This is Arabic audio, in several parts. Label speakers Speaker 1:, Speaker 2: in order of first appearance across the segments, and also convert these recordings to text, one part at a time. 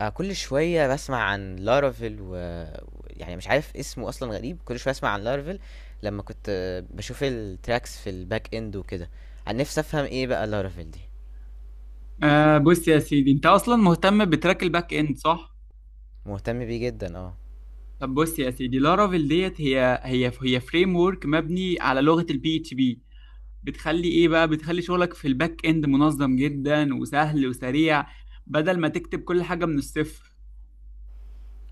Speaker 1: كل شوية باسمع عن Laravel ويعني مش عارف اسمه أصلًا غريب، كل شوية أسمع عن Laravel لمّا كنت باشوف الtracks في الback end وكده. أنا نفسي أفهم إيه بقى Laravel دي،
Speaker 2: آه، بص يا سيدي، انت اصلا مهتم بتراك الباك اند، صح؟
Speaker 1: مهتم بيه جدًا
Speaker 2: طب بص يا سيدي، لارافيل ديت هي فريم ورك مبني على لغه البي اتش بي. بتخلي ايه بقى؟ بتخلي شغلك في الباك اند منظم جدا وسهل وسريع، بدل ما تكتب كل حاجه من الصفر.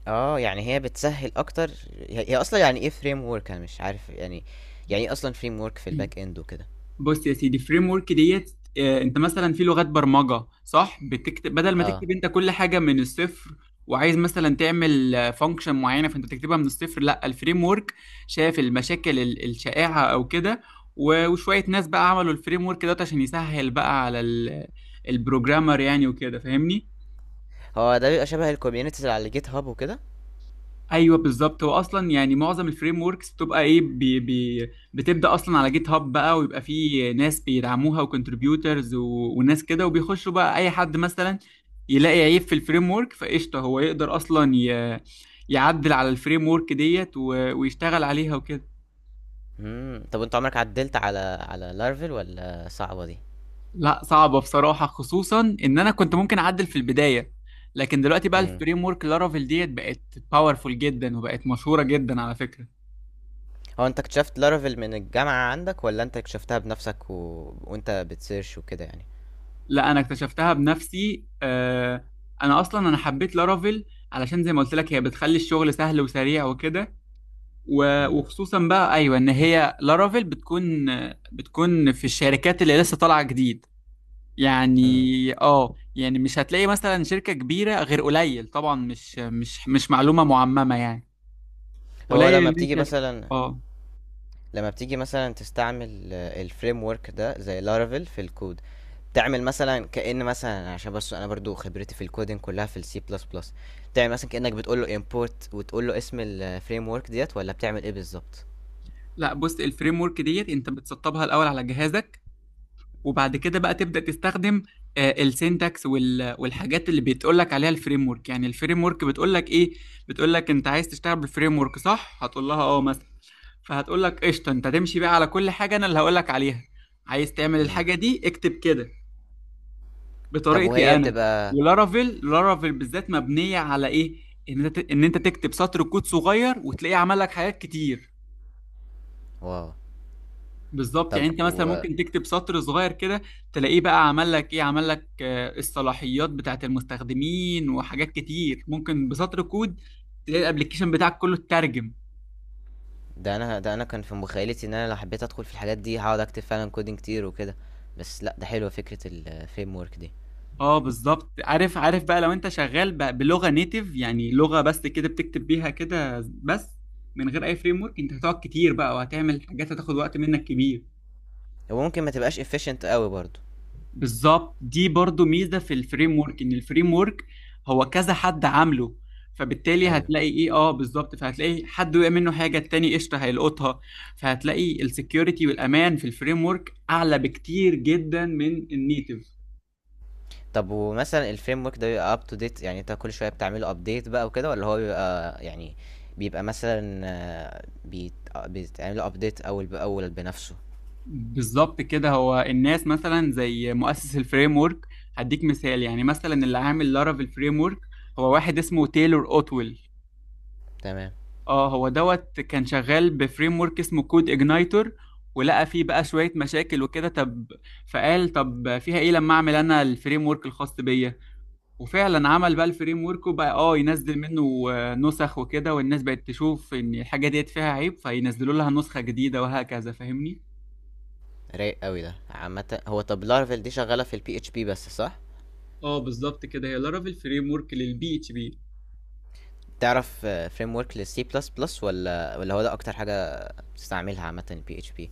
Speaker 1: يعني هي بتسهّل أكتر. هي أصلًا يعني إيه framework؟ أنا مش عارف يعني، يعني إيه أصلًا framework في الback end وكده؟
Speaker 2: بص يا سيدي، فريم ورك ديت، انت مثلا في لغات برمجه، صح؟ بتكتب، بدل ما
Speaker 1: آه،
Speaker 2: تكتب انت كل حاجه من الصفر وعايز مثلا تعمل فانكشن معينه، فانت بتكتبها من الصفر. لا، الفريم ورك شاف المشاكل الشائعه او كده، وشويه ناس بقى عملوا الفريم ورك دوت عشان يسهل بقى على البروجرامر يعني وكده، فاهمني.
Speaker 1: هو ده بيبقى شبه الcommunities اللي على GitHub وكده؟
Speaker 2: ايوه بالظبط، هو اصلا يعني معظم الفريم وركس بتبقى ايه بي بي، بتبدا اصلا على جيت هاب بقى، ويبقى فيه ناس بيدعموها وكونتريبيوترز وناس كده، وبيخشوا بقى. اي حد مثلا يلاقي عيب في الفريم ورك، فقشطه هو يقدر اصلا يعدل على الفريم ورك ديت ويشتغل عليها وكده.
Speaker 1: طب وأنت عمرك عدّلت على Laravel والّا صعبة دي؟
Speaker 2: لا، صعبه بصراحه، خصوصا ان انا كنت ممكن اعدل في البدايه، لكن دلوقتي بقى
Speaker 1: إمم.
Speaker 2: الفريم ورك لارافيل ديت بقت باورفول جدا، وبقت مشهوره جدا على فكره.
Speaker 1: هو انت اكتشفت لارافيل من الجامعة عندك ولا انت اكتشفتها بنفسك وانت بتسيرش وكده يعني.
Speaker 2: لا، انا اكتشفتها بنفسي. انا اصلا انا حبيت لارافيل علشان زي ما قلت لك، هي بتخلي الشغل سهل وسريع وكده.
Speaker 1: مم.
Speaker 2: وخصوصا بقى، ايوه، ان هي لارافيل بتكون في الشركات اللي لسه طالعه جديد يعني.
Speaker 1: مم.
Speaker 2: اه، يعني مش هتلاقي مثلا شركه كبيره غير قليل، طبعا مش معلومه معممه يعني،
Speaker 1: هو لما
Speaker 2: قليل. ان
Speaker 1: بتيجي
Speaker 2: انت
Speaker 1: مثلا
Speaker 2: اه.
Speaker 1: لما بتيجي مثلا تستعمل الفريم ورك ده زي لارافيل في الكود، تعمل مثلا كأن مثلا، عشان بس انا برضو خبرتي في الكودين كلها في السي بلس بلس، تعمل مثلا كأنك بتقول له import وتقول له اسم الفريم ورك ديت ولا بتعمل ايه بالظبط؟
Speaker 2: لا، بص، الفريم ورك ديت انت بتسطبها الاول على جهازك، وبعد كده بقى تبدأ تستخدم السينتاكس والحاجات اللي بتقول لك عليها الفريم ورك. يعني الفريم ورك بتقول لك ايه؟ بتقول لك انت عايز تشتغل بالفريم ورك، صح؟ هتقول لها اه مثلا، فهتقول لك قشطه، انت تمشي بقى على كل حاجه انا اللي هقول لك عليها. عايز تعمل
Speaker 1: مم.
Speaker 2: الحاجه دي، اكتب كده
Speaker 1: طب
Speaker 2: بطريقتي
Speaker 1: وهي
Speaker 2: انا.
Speaker 1: بتبقى.
Speaker 2: ولارافيل لارافيل بالذات مبنيه على ايه؟ ان انت تكتب سطر كود صغير وتلاقيه عمل لك حاجات كتير.
Speaker 1: واو.
Speaker 2: بالظبط،
Speaker 1: طب
Speaker 2: يعني انت مثلا
Speaker 1: و...
Speaker 2: ممكن تكتب سطر صغير كده، تلاقيه بقى عمل لك ايه، عمل لك الصلاحيات بتاعت المستخدمين وحاجات كتير. ممكن بسطر كود تلاقي الابليكيشن بتاعك كله اترجم.
Speaker 1: ده انا كان في مخيلتي ان انا لو حبيت ادخل في الحاجات دي هقعد اكتب فعلا كودينج كتير وكده، بس لا ده حلوه فكره الفريم ورك دي.
Speaker 2: اه، بالظبط. عارف عارف بقى، لو انت شغال بلغة نيتيف يعني، لغة بس كده بتكتب بيها كده بس من غير اي فريم ورك، انت هتقعد كتير بقى، وهتعمل حاجات هتاخد وقت منك كبير.
Speaker 1: هو ممكن ما تبقاش efficient قوي برضو.
Speaker 2: بالظبط، دي برضو ميزة في الفريم ورك، ان الفريم ورك هو كذا حد عامله. فبالتالي
Speaker 1: ايوه.
Speaker 2: هتلاقي ايه، اه بالظبط، فهتلاقي حد وقع منه حاجة، التاني قشطة هيلقطها. فهتلاقي السكيورتي والامان في الفريم ورك اعلى بكتير جدا من النيتف.
Speaker 1: طب ومثلا الفريم ورك ده بيبقى up to date، يعني انت كل شويه بتعمله update بقى وكده، ولا هو بيبقى يعني بيبقى مثلا بيتعمل update اول باول بنفسه؟
Speaker 2: بالظبط كده. هو الناس مثلا زي مؤسس الفريم ورك، هديك مثال، يعني مثلا اللي عامل لارافيل فريم ورك هو واحد اسمه تايلور اوتويل.
Speaker 1: تمام.
Speaker 2: اه، هو دوت كان شغال بفريم ورك اسمه كود اجنايتور، ولقى فيه بقى شوية مشاكل وكده. طب فقال، طب فيها ايه لما اعمل انا الفريم ورك الخاص بيا. وفعلا عمل بقى الفريم ورك، وبقى اه ينزل منه نسخ وكده، والناس بقت تشوف ان الحاجة ديت فيها عيب فينزلوا لها نسخة جديدة وهكذا، فاهمني.
Speaker 1: رايق قوي ده عامه. هو طب لارفل دي شغاله في البي اتش بي بس صح؟
Speaker 2: اه بالظبط كده، هي لارافيل فريم ورك للبي اتش بي.
Speaker 1: تعرف فريم ورك للسي بلس بلس ولا هو ده اكتر حاجه بتستعملها عامه البي اتش بي؟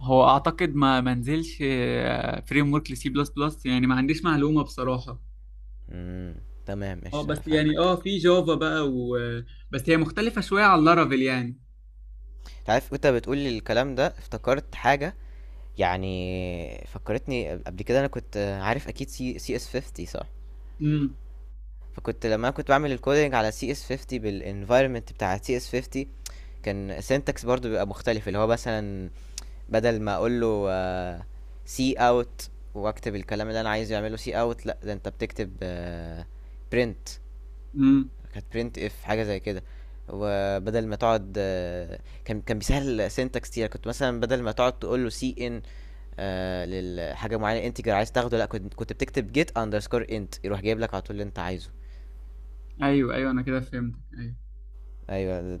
Speaker 2: هو اعتقد ما منزلش فريم ورك لسي بلس بلس يعني، ما عنديش معلومة بصراحة.
Speaker 1: امم. تمام
Speaker 2: اه
Speaker 1: قشطة، لأ،
Speaker 2: بس يعني،
Speaker 1: فاهمك.
Speaker 2: في جافا بقى، بس هي مختلفة شوية عن لارافيل يعني.
Speaker 1: انت عارف وانت بتقول لي الكلام ده افتكرت حاجة، يعني فكرتني قبل كده انا كنت عارف اكيد سي اس 50 صح؟
Speaker 2: امم.
Speaker 1: فكنت لما انا كنت بعمل الكودينج على سي اس 50 بالانفايرمنت بتاع سي اس 50، كان syntax برضو بيبقى مختلف، اللي هو مثلا بدل ما اقول له سي اوت واكتب الكلام اللي انا عايز يعمله سي اوت، لا ده انت بتكتب برنت،
Speaker 2: امم.
Speaker 1: كانت برنت اف حاجه زي كده. وبدل ما تقعد كان بيسهل السنتكس كتير، كنت مثلا بدل ما تقعد تقول له سي ان للحاجه معينه انتجر عايز تاخده، لا كنت بتكتب جيت اندرسكور انت، يروح جايب لك على طول اللي انت عايزه.
Speaker 2: ايوه، ايوه، انا كده فهمت. ايوه.
Speaker 1: ايوه.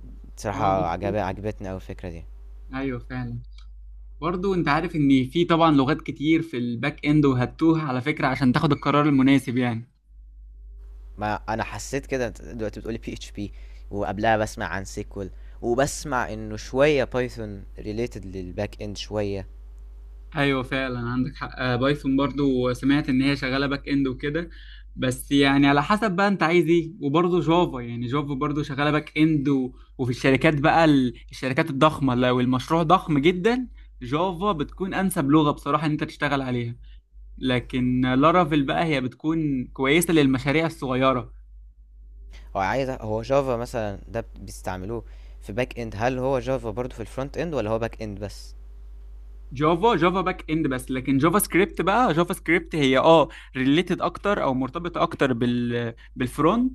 Speaker 2: اه
Speaker 1: بصراحه
Speaker 2: بس،
Speaker 1: عجبتني قوي الفكره دي.
Speaker 2: ايوه فعلا. برضو انت عارف ان في طبعا لغات كتير في الباك اند وهتوها، على فكرة، عشان تاخد القرار المناسب يعني.
Speaker 1: ما انا حسيت كده، أنت دلوقتي بتقولي بي اتش بي، وقبلها بسمع عن سيكوال، وبسمع انه شويه بايثون ريليتد للباك اند شويه.
Speaker 2: ايوه فعلا عندك حق. بايثون برضو سمعت ان هي شغاله باك اند وكده، بس يعني على حسب بقى انت عايز ايه. وبرضه جافا، يعني جافا برضه شغاله باك اند، وفي الشركات بقى، الشركات الضخمه لو المشروع ضخم جدا، جافا بتكون انسب لغه بصراحه ان انت تشتغل عليها، لكن لارافيل بقى هي بتكون كويسه للمشاريع الصغيره.
Speaker 1: هو جافا مثلا ده بيستعملوه في باك اند؟ هل هو جافا برضو في الفرونت اند، ولا هو باك اند بس؟
Speaker 2: جافا، جافا باك اند بس، لكن جافا سكريبت بقى، جافا سكريبت هي ريليتد اكتر او مرتبطه اكتر بالفرونت.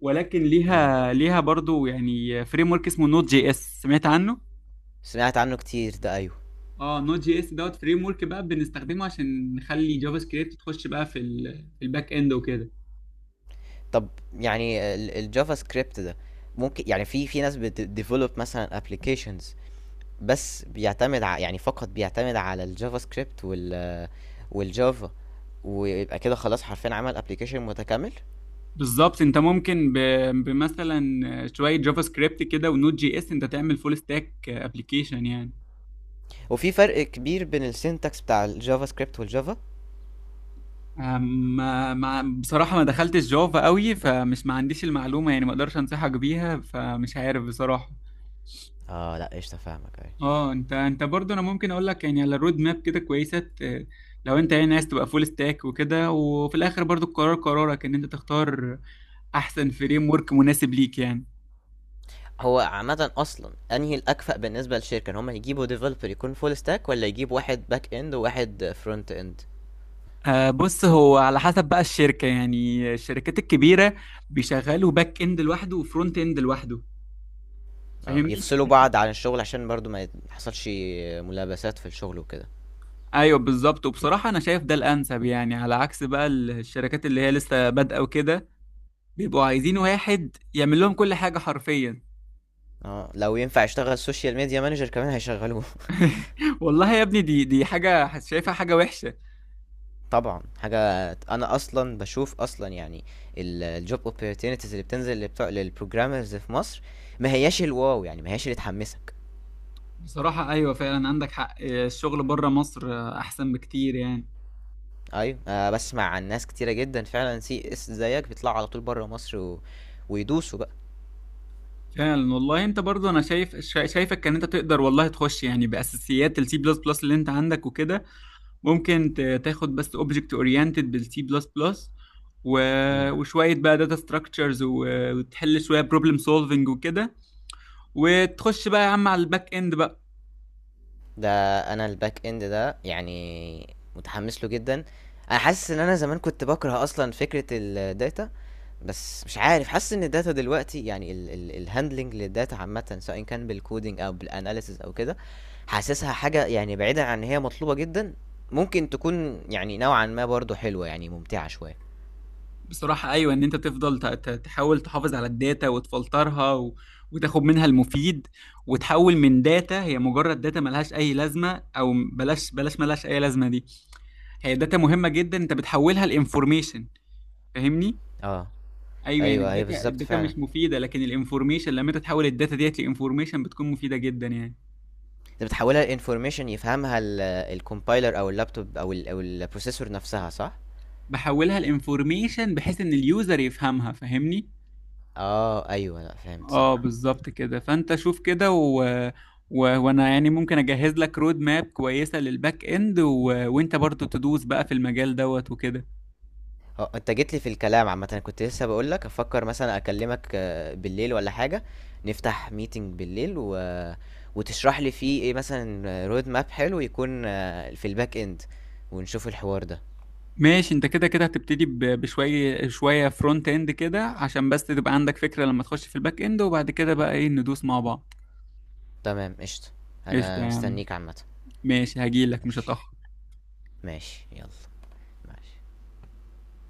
Speaker 2: ولكن
Speaker 1: امم.
Speaker 2: ليها برضو يعني فريم ورك اسمه نوت جي اس، سمعت عنه.
Speaker 1: سمعت عنه كتير ده، ايوه.
Speaker 2: اه، نوت جي اس دوت فريم ورك بقى بنستخدمه عشان نخلي جافا سكريبت تخش بقى في في الباك اند وكده.
Speaker 1: طب يعني الجافا سكريبت ده ممكن يعني، في في ناس بتديفلوب مثلا ابلكيشنز، بس يعني فقط بيعتمد على الجافا سكريبت والجافا، ويبقى كده خلاص حرفيا عمل ابلكيشن متكامل؟
Speaker 2: بالظبط، انت ممكن بمثلا شويه جافا سكريبت كده ونوت جي اس، انت تعمل فول ستاك ابلكيشن يعني.
Speaker 1: وفي فرق كبير بين السينتاكس بتاع الجافا سكريبت والجافا؟
Speaker 2: أم- بصراحة ما دخلتش جافا قوي، ما عنديش المعلومة يعني، ما اقدرش انصحك بيها، فمش عارف بصراحة.
Speaker 1: اه لا قشطه فاهمك.
Speaker 2: اه، انت برضه، انا ممكن اقول لك يعني على الرود ماب كده كويسة، لو انت يعني عايز تبقى فول ستاك وكده. وفي الاخر برضه القرار قرارك، ان انت تختار احسن فريم ورك مناسب ليك يعني.
Speaker 1: هو عامة أصلا أنهي الأكفأ بالنسبة للشركة، إن هم يجيبوا ديفلوبر يكون فول ستاك، ولا يجيبوا واحد باك إند وواحد فرونت إند؟
Speaker 2: آه بص، هو على حسب بقى الشركة، يعني الشركات الكبيرة بيشغلوا باك اند لوحده وفرونت اند لوحده،
Speaker 1: اه
Speaker 2: فاهمني.
Speaker 1: بيفصلوا بعض عن الشغل عشان برضو ما يحصلش ملابسات في الشغل وكده.
Speaker 2: ايوه بالظبط. وبصراحه انا شايف ده الانسب يعني، على عكس بقى الشركات اللي هي لسه بادئه وكده، بيبقوا عايزين واحد يعمل لهم كل حاجه حرفيا.
Speaker 1: اه لو ينفع يشتغل سوشيال ميديا مانجر كمان هيشغلوه.
Speaker 2: والله يا ابني، دي حاجه شايفها حاجه وحشه.
Speaker 1: طبعا حاجة، أنا أصلا بشوف أصلا يعني الجوب opportunities اللي بتنزل لبتوع للبروجرامرز في مصر ما هياش الواو، يعني ما هياش اللي تحمسك.
Speaker 2: بصراحه ايوه فعلا عندك حق، الشغل بره مصر احسن بكتير يعني.
Speaker 1: ايوه بسمع عن ناس كتيرة جدا فعلا سي اس زيك بيطلعوا على طول بره مصر ويدوسوا بقى.
Speaker 2: فعلا والله، انت برضو انا شايف، شايفك ان انت تقدر والله تخش يعني باساسيات السي بلس بلس اللي انت عندك وكده. ممكن تاخد بس اوبجكت اورينتد بالسي بلس بلس،
Speaker 1: مم.
Speaker 2: وشويه بقى داتا ستراكشرز، وتحل شويه بروبلم سولفنج وكده، وتخش بقى يا عم على الباك اند بقى.
Speaker 1: ده انا الباك اند ده يعني متحمس له جدا. انا حاسس ان انا زمان كنت بكره اصلا فكرة الداتا، بس مش عارف، حاسس ان الداتا دلوقتي يعني الهاندلنج للداتا عامة سواء كان بالكودينج او بالاناليسز او كده، حاسسها حاجة يعني بعيدا عن ان هي مطلوبة جدا، ممكن تكون يعني نوعا ما برضو حلوة، يعني ممتعة شوية.
Speaker 2: بصراحه ايوه، ان انت تفضل تحاول تحافظ على الداتا وتفلترها وتاخد منها المفيد، وتحول من داتا هي مجرد داتا ملهاش اي لازمه، او بلاش بلاش ملهاش اي لازمه، دي هي داتا مهمه جدا انت بتحولها لانفورميشن، فاهمني.
Speaker 1: اه
Speaker 2: ايوه، يعني
Speaker 1: ايوه هي
Speaker 2: الداتا،
Speaker 1: بالظبط
Speaker 2: الداتا
Speaker 1: فعلا.
Speaker 2: مش مفيده، لكن الانفورميشن لما انت تحول الداتا ديت لانفورميشن بتكون مفيده جدا يعني.
Speaker 1: انت بتحولها لانفورميشن يفهمها الكومبايلر او اللابتوب او البروسيسور نفسها صح؟
Speaker 2: بحولها لانفورميشن بحيث ان اليوزر يفهمها، فاهمني.
Speaker 1: اه ايوه لا فهمت صح.
Speaker 2: اه بالظبط كده. فانت شوف كده، وانا يعني ممكن اجهز لك رود ماب كويسه للباك اند، وانت برضو تدوس بقى في المجال دوت وكده.
Speaker 1: اه انت جيت لي في الكلام عامه، انا كنت لسه بقول لك افكر مثلا اكلمك بالليل ولا حاجه، نفتح ميتنج بالليل وتشرح لي فيه ايه مثلا رود ماب حلو يكون في الباك اند، ونشوف الحوار ده.
Speaker 2: ماشي، انت كده كده هتبتدي بشويه شويه فرونت اند كده عشان بس تبقى عندك فكره لما تخش في الباك اند، وبعد كده بقى ايه، ندوس مع بعض.
Speaker 1: تمام قشطه.
Speaker 2: قشطه يا
Speaker 1: انا
Speaker 2: عم،
Speaker 1: مستنيك عامه.
Speaker 2: ماشي، هجيلك مش
Speaker 1: ماشي.
Speaker 2: هتاخر.
Speaker 1: ماشي يلا. ماشي.